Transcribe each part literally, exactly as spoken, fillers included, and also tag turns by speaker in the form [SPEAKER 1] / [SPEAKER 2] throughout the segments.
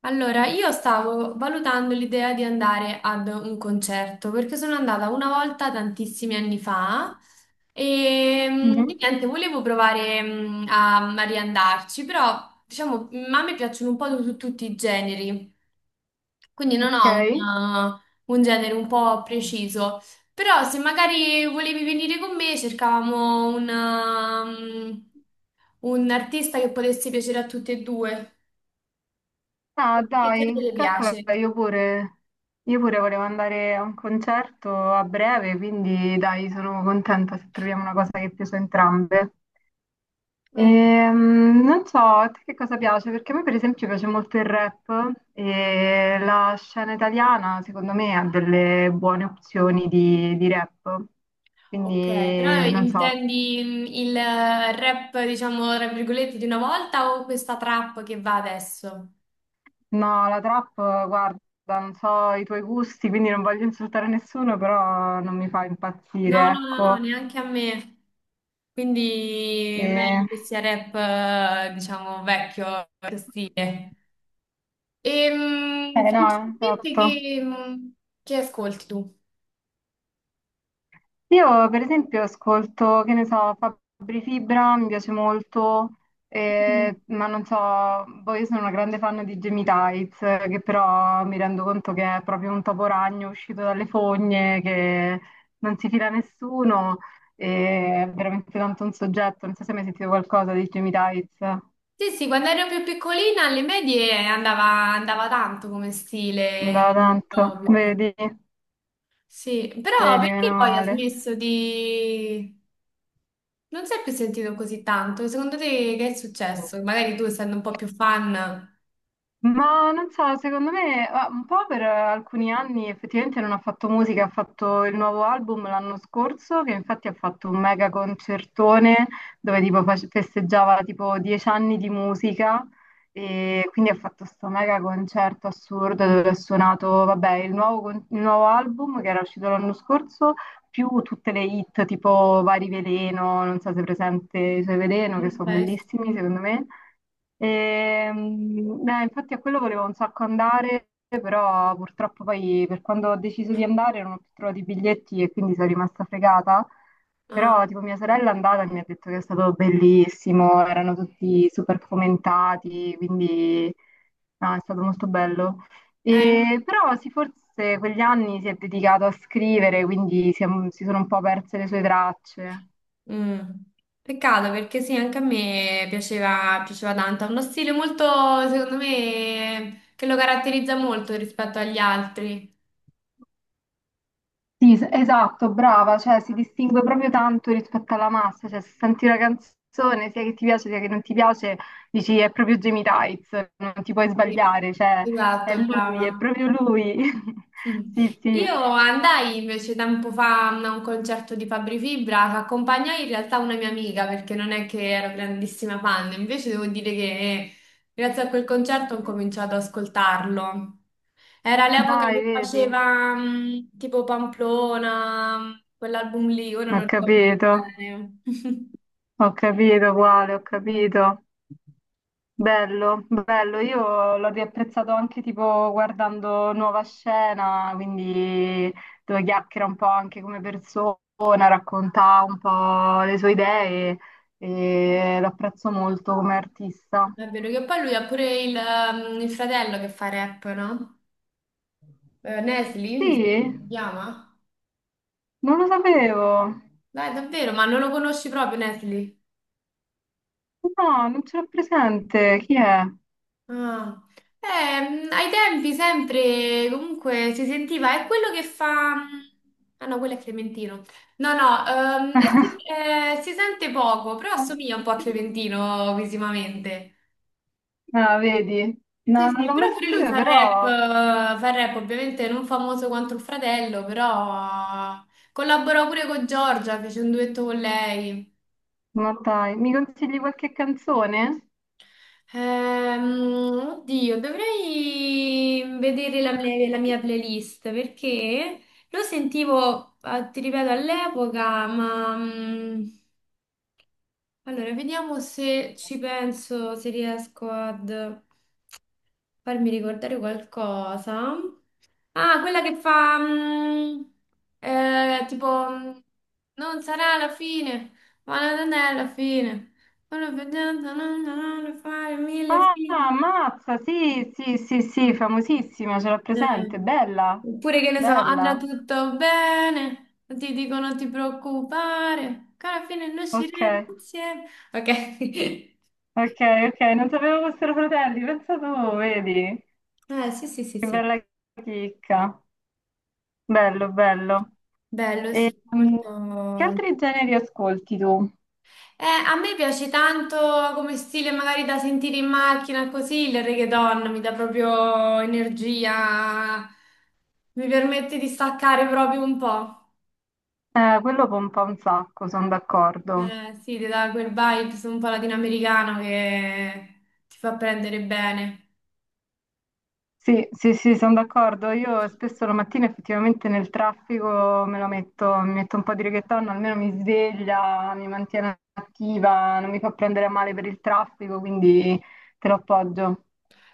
[SPEAKER 1] Allora, io stavo valutando l'idea di andare ad un concerto perché sono andata una volta tantissimi anni fa e mm,
[SPEAKER 2] Mhm.
[SPEAKER 1] niente, volevo provare mm, a, a riandarci, però diciamo, mm, a me piacciono un po' tu- tutti i generi, quindi non ho
[SPEAKER 2] Ok.
[SPEAKER 1] un, uh, un genere un po' preciso, però se magari volevi venire con me cercavamo un, um, un artista che potesse piacere a tutte e due.
[SPEAKER 2] Ah,
[SPEAKER 1] Che
[SPEAKER 2] dai,
[SPEAKER 1] genere le
[SPEAKER 2] calcola,
[SPEAKER 1] piace?
[SPEAKER 2] io pure, io pure volevo andare a un concerto a breve, quindi dai, sono contenta se troviamo una cosa che piace a entrambe. Ehm, non so, a te che cosa piace, perché a me per esempio piace molto il rap e la scena italiana secondo me ha delle buone opzioni di, di rap,
[SPEAKER 1] Ok,
[SPEAKER 2] quindi
[SPEAKER 1] però
[SPEAKER 2] non so.
[SPEAKER 1] intendi mm, il rap, diciamo, tra virgolette, di una volta o questa trap che va adesso?
[SPEAKER 2] No, la trap, guarda, non so i tuoi gusti, quindi non voglio insultare nessuno, però non mi fa
[SPEAKER 1] No,
[SPEAKER 2] impazzire,
[SPEAKER 1] no, no, no,
[SPEAKER 2] ecco.
[SPEAKER 1] neanche a me. Quindi
[SPEAKER 2] E...
[SPEAKER 1] meglio che sia rap, eh, diciamo, vecchio vecchio stile. E mm,
[SPEAKER 2] Eh no,
[SPEAKER 1] principalmente
[SPEAKER 2] esatto.
[SPEAKER 1] che, mm, che ascolti tu?
[SPEAKER 2] Io per esempio ascolto, che ne so, Fabri Fibra, mi piace molto,
[SPEAKER 1] Mm.
[SPEAKER 2] eh, ma non so, poi io sono una grande fan di Jamie Tights, eh, che però mi rendo conto che è proprio un topo ragno uscito dalle fogne, che non si fila a nessuno, e è veramente tanto un soggetto, non so se hai mai sentito qualcosa di Jamie Tights,
[SPEAKER 1] Sì, sì, quando ero più piccolina alle medie andava, andava tanto come stile,
[SPEAKER 2] da tanto,
[SPEAKER 1] proprio.
[SPEAKER 2] vedi,
[SPEAKER 1] Sì, però
[SPEAKER 2] vedi,
[SPEAKER 1] perché
[SPEAKER 2] meno
[SPEAKER 1] poi ha
[SPEAKER 2] male.
[SPEAKER 1] smesso di... Non si è più sentito così tanto. Secondo te che è successo? Magari tu, essendo un po' più fan,
[SPEAKER 2] Ma non so, secondo me, ah, un po' per eh, alcuni anni effettivamente non ha fatto musica, ha fatto il nuovo album l'anno scorso, che infatti ha fatto un mega concertone dove tipo face- festeggiava tipo dieci anni di musica e quindi ha fatto questo mega concerto assurdo dove ha suonato, vabbè, il nuovo, con- il nuovo album che era uscito l'anno scorso, più tutte le hit tipo Vari Veleno, non so se è presente i suoi Veleno, che
[SPEAKER 1] non
[SPEAKER 2] sono
[SPEAKER 1] sai.
[SPEAKER 2] bellissimi secondo me. Ehm, eh, infatti a quello volevo un sacco andare, però purtroppo poi per quando ho deciso di andare non ho più trovato i biglietti e quindi sono rimasta fregata.
[SPEAKER 1] Ah,
[SPEAKER 2] Però tipo mia sorella è andata e mi ha detto che è stato bellissimo, erano tutti super fomentati, quindi no, è stato molto bello.
[SPEAKER 1] eh,
[SPEAKER 2] E, però sì, forse quegli anni si è dedicato a scrivere, quindi si è- si sono un po' perse le sue tracce.
[SPEAKER 1] mm. Peccato perché sì, anche a me piaceva, piaceva tanto. Ha uno stile molto, secondo me, che lo caratterizza molto rispetto agli altri.
[SPEAKER 2] Sì, es- esatto, brava, cioè si distingue proprio tanto rispetto alla massa, cioè se senti una canzone, sia che ti piace sia che non ti piace, dici è proprio Jamie Tights, non ti puoi
[SPEAKER 1] Sì.
[SPEAKER 2] sbagliare, cioè è
[SPEAKER 1] Esatto,
[SPEAKER 2] lui,
[SPEAKER 1] brava.
[SPEAKER 2] è proprio lui.
[SPEAKER 1] Mm.
[SPEAKER 2] Sì, sì.
[SPEAKER 1] Io andai invece tempo fa a un concerto di Fabri Fibra che accompagnai in realtà una mia amica perché non è che ero grandissima fan, invece devo dire che grazie a quel concerto ho cominciato ad ascoltarlo. Era l'epoca
[SPEAKER 2] Dai,
[SPEAKER 1] che
[SPEAKER 2] vedi?
[SPEAKER 1] faceva mm, tipo Pamplona, mm, quell'album lì, ora
[SPEAKER 2] Ho
[SPEAKER 1] non ricordo
[SPEAKER 2] capito.
[SPEAKER 1] bene.
[SPEAKER 2] Ho capito, quale, ho capito. Bello, bello. Io l'ho riapprezzato anche tipo guardando Nuova Scena, quindi dove chiacchiera un po' anche come persona, racconta un po' le sue idee e lo apprezzo molto come artista.
[SPEAKER 1] È vero che poi lui ha pure il, mm, il fratello che fa rap, no? Eh, Nesli, mi si
[SPEAKER 2] Sì,
[SPEAKER 1] chiama?
[SPEAKER 2] non lo sapevo.
[SPEAKER 1] Dai, davvero, ma non lo conosci proprio Nesli?
[SPEAKER 2] No, non ce l'ho presente. Chi è?
[SPEAKER 1] Ah. Eh, mh, ai tempi sempre comunque si sentiva, è quello che fa... Ah no, quello è Clementino. No, no, ehm, eh, si, eh, si sente poco, però assomiglia un po' a Clementino visivamente.
[SPEAKER 2] Ah, vedi?
[SPEAKER 1] Sì,
[SPEAKER 2] No, non
[SPEAKER 1] sì,
[SPEAKER 2] l'ho mai
[SPEAKER 1] però pure lui
[SPEAKER 2] sentito,
[SPEAKER 1] fa rap,
[SPEAKER 2] però
[SPEAKER 1] eh, fa rap ovviamente non famoso quanto il fratello, però collaborò pure con Giorgia, fece un duetto con lei.
[SPEAKER 2] ma dai, mi consigli qualche canzone?
[SPEAKER 1] Ehm, oddio, dovrei vedere la, mia la mia playlist perché lo sentivo, eh, ti ripeto, all'epoca, ma mm, allora vediamo se ci penso, se riesco ad farmi ricordare qualcosa. Ah, quella che fa mm, eh, tipo mm, non sarà la fine, ma non è la fine. Sono vedendo, non non fare mille
[SPEAKER 2] Ah,
[SPEAKER 1] fine.
[SPEAKER 2] ammazza, sì, sì, sì, sì, famosissima, ce l'ho
[SPEAKER 1] Eh,
[SPEAKER 2] presente, bella,
[SPEAKER 1] Oppure che ne so, andrà
[SPEAKER 2] bella,
[SPEAKER 1] tutto bene, ti dico non ti preoccupare, che alla fine noi
[SPEAKER 2] ok,
[SPEAKER 1] usciremo insieme. Ok.
[SPEAKER 2] ok, ok, non sapevo fossero fratelli, pensa tu, vedi,
[SPEAKER 1] Eh, sì, sì, sì,
[SPEAKER 2] che
[SPEAKER 1] sì.
[SPEAKER 2] bella chicca, bello, bello.
[SPEAKER 1] Bello,
[SPEAKER 2] E,
[SPEAKER 1] sì,
[SPEAKER 2] mm, che
[SPEAKER 1] molto.
[SPEAKER 2] altri generi ascolti tu?
[SPEAKER 1] Eh, a me piace tanto come stile magari da sentire in macchina così, il reggaeton mi dà proprio energia, mi permette di staccare proprio un po'.
[SPEAKER 2] Eh, quello pompa un sacco, sono d'accordo.
[SPEAKER 1] Eh, sì, ti dà quel vibes un po' latinoamericano che ti fa prendere bene.
[SPEAKER 2] Sì, sì, sì, sono d'accordo. Io spesso la mattina effettivamente nel traffico me lo metto, mi metto un po' di reggaeton, almeno mi sveglia, mi mantiene attiva, non mi fa prendere a male per il traffico, quindi te lo appoggio.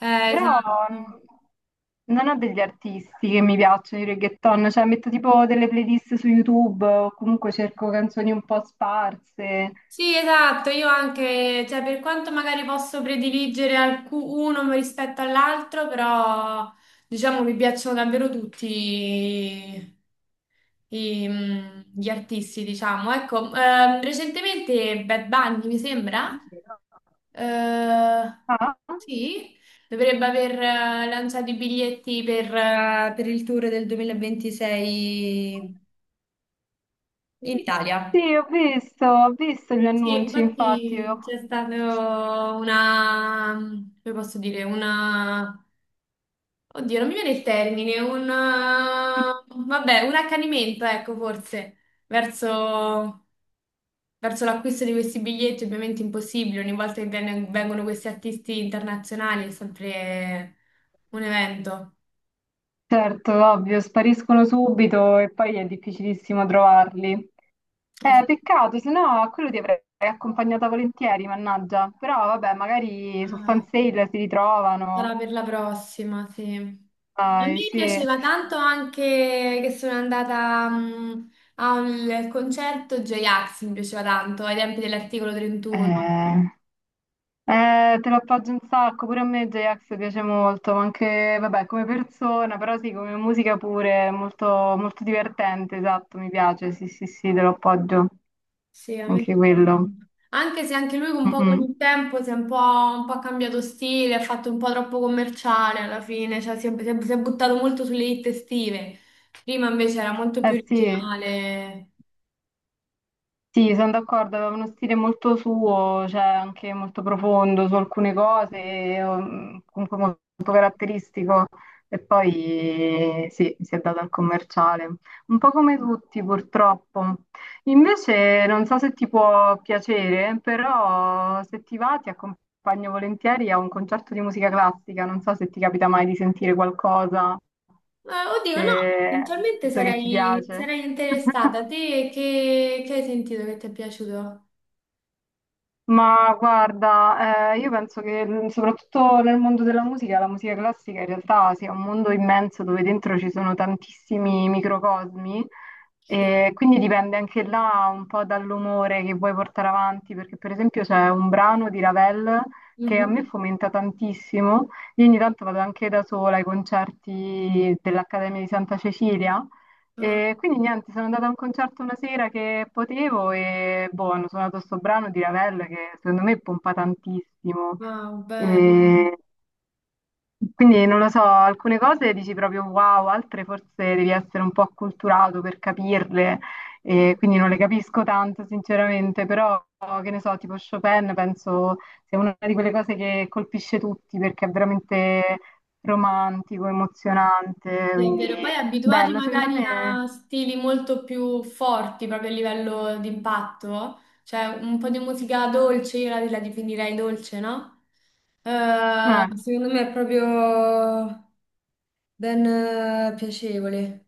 [SPEAKER 1] Eh,
[SPEAKER 2] Però
[SPEAKER 1] esatto.
[SPEAKER 2] mh, non ho degli artisti che mi piacciono i reggaeton, cioè metto tipo delle playlist su YouTube o comunque cerco canzoni un po' sparse.
[SPEAKER 1] Sì, esatto, io anche, cioè per quanto magari posso prediligere alcu- uno rispetto all'altro, però diciamo mi piacciono davvero tutti i- i, mm, gli artisti, diciamo. Ecco, ehm, recentemente Bad Bunny, mi sembra, eh,
[SPEAKER 2] Ah?
[SPEAKER 1] sì, dovrebbe aver eh, lanciato i biglietti per eh, per il tour del duemilaventisei in Italia.
[SPEAKER 2] Sì, ho visto, ho visto gli
[SPEAKER 1] Sì,
[SPEAKER 2] annunci, infatti.
[SPEAKER 1] infatti
[SPEAKER 2] io-
[SPEAKER 1] c'è stata una, come posso dire, una, oddio, non mi viene il termine, un, vabbè, un accanimento, ecco, forse, verso, verso l'acquisto di questi biglietti, ovviamente impossibile, ogni volta che viene- vengono questi artisti internazionali è sempre un evento.
[SPEAKER 2] Certo, ovvio, spariscono subito e poi è difficilissimo trovarli. Eh, peccato, se no a quello ti avrei accompagnata volentieri, mannaggia. Però vabbè, magari su
[SPEAKER 1] Esatto.
[SPEAKER 2] Fansale si ritrovano.
[SPEAKER 1] Sarà per la prossima, sì. A
[SPEAKER 2] Dai,
[SPEAKER 1] me
[SPEAKER 2] sì. Eh,
[SPEAKER 1] piaceva tanto anche che sono andata mh, a un- al concerto J-Ax, mi piaceva tanto, ai tempi dell'articolo trentuno.
[SPEAKER 2] eh, te lo appoggio un sacco, pure a me J-Ax piace molto, ma anche, vabbè, come persona, però sì, come musica pure, è molto, molto divertente, esatto, mi piace, sì, sì, sì, te lo appoggio.
[SPEAKER 1] Sì, a me
[SPEAKER 2] Anche
[SPEAKER 1] piaceva
[SPEAKER 2] quello.
[SPEAKER 1] tanto. Anche se anche lui un
[SPEAKER 2] Mm,
[SPEAKER 1] po' con
[SPEAKER 2] mm.
[SPEAKER 1] il tempo si è un po', un po' cambiato stile, ha fatto un po' troppo commerciale alla fine, cioè si è, si è- si è buttato molto sulle hit estive. Prima invece era molto
[SPEAKER 2] Eh
[SPEAKER 1] più
[SPEAKER 2] sì,
[SPEAKER 1] originale.
[SPEAKER 2] sì, sono d'accordo, aveva uno stile molto suo, cioè anche molto profondo su alcune cose, ehm, comunque molto caratteristico e poi sì, si è dato al commerciale, un po' come tutti purtroppo. Invece non so se ti può piacere, però se ti va ti accompagno volentieri a un concerto di musica classica, non so se ti capita mai di sentire qualcosa,
[SPEAKER 1] Eh, oddio, no,
[SPEAKER 2] se
[SPEAKER 1] eventualmente
[SPEAKER 2] tutto che ti
[SPEAKER 1] sarei,
[SPEAKER 2] piace.
[SPEAKER 1] sarei interessata. Te che, che hai sentito che ti è piaciuto?
[SPEAKER 2] Ma guarda, eh, io penso che l- soprattutto nel mondo della musica, la musica classica in realtà sia un mondo immenso dove dentro ci sono tantissimi microcosmi
[SPEAKER 1] Sì.
[SPEAKER 2] e quindi dipende anche là un po' dall'umore che vuoi portare avanti, perché per esempio c'è un brano di Ravel che a
[SPEAKER 1] Mhm.
[SPEAKER 2] me fomenta tantissimo, io ogni tanto vado anche da sola ai concerti dell'Accademia di Santa Cecilia
[SPEAKER 1] Ah,
[SPEAKER 2] e quindi niente, sono andata a un concerto una sera che potevo e boh, hanno suonato sto brano di Ravel che secondo me pompa tantissimo.
[SPEAKER 1] wow, bello.
[SPEAKER 2] E quindi non lo so, alcune cose dici proprio wow, altre forse devi essere un po' acculturato per capirle, e
[SPEAKER 1] Bello.
[SPEAKER 2] quindi non le capisco tanto sinceramente, però che ne so, tipo Chopin penso sia una di quelle cose che colpisce tutti perché è veramente romantico, emozionante,
[SPEAKER 1] Sì, è
[SPEAKER 2] quindi
[SPEAKER 1] vero. Poi abituati
[SPEAKER 2] bello, secondo
[SPEAKER 1] magari
[SPEAKER 2] me.
[SPEAKER 1] a stili molto più forti proprio a livello di impatto, cioè un po' di musica dolce, io la, la definirei dolce, no? Eh,
[SPEAKER 2] Eh.
[SPEAKER 1] secondo me è proprio ben eh, piacevole.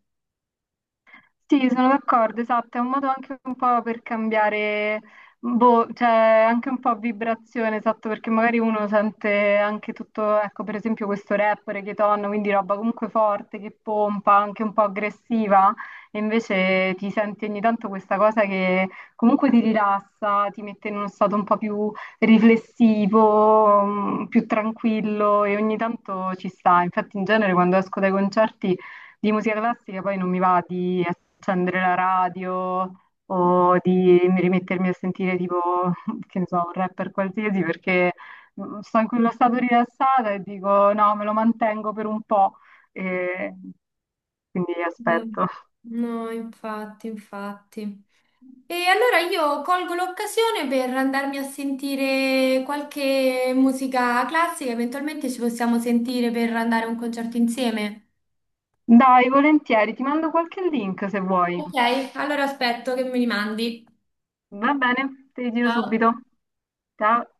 [SPEAKER 2] Sì, sono d'accordo, esatto, è un modo anche un po' per cambiare, boh, cioè anche un po' vibrazione, esatto, perché magari uno sente anche tutto, ecco, per esempio questo rapper, Keton, quindi roba comunque forte, che pompa, anche un po' aggressiva, e invece ti senti ogni tanto questa cosa che comunque ti rilassa, ti mette in uno stato un po' più riflessivo, mm, più tranquillo, e ogni tanto ci sta. Infatti in genere quando esco dai concerti... Di musica classica poi non mi va di accendere la radio o di rimettermi a sentire tipo, che ne so, un rapper qualsiasi perché mm, sto in quello stato rilassata e dico no, me lo mantengo per un po' e quindi
[SPEAKER 1] Eh,
[SPEAKER 2] aspetto.
[SPEAKER 1] no, infatti, infatti. E allora io colgo l'occasione per andarmi a sentire qualche musica classica, eventualmente ci possiamo sentire per andare a un concerto insieme.
[SPEAKER 2] Dai, volentieri, ti mando qualche link se vuoi.
[SPEAKER 1] Ok, allora aspetto che me li mandi.
[SPEAKER 2] Va bene, ti giro
[SPEAKER 1] Ciao.
[SPEAKER 2] subito. Ciao.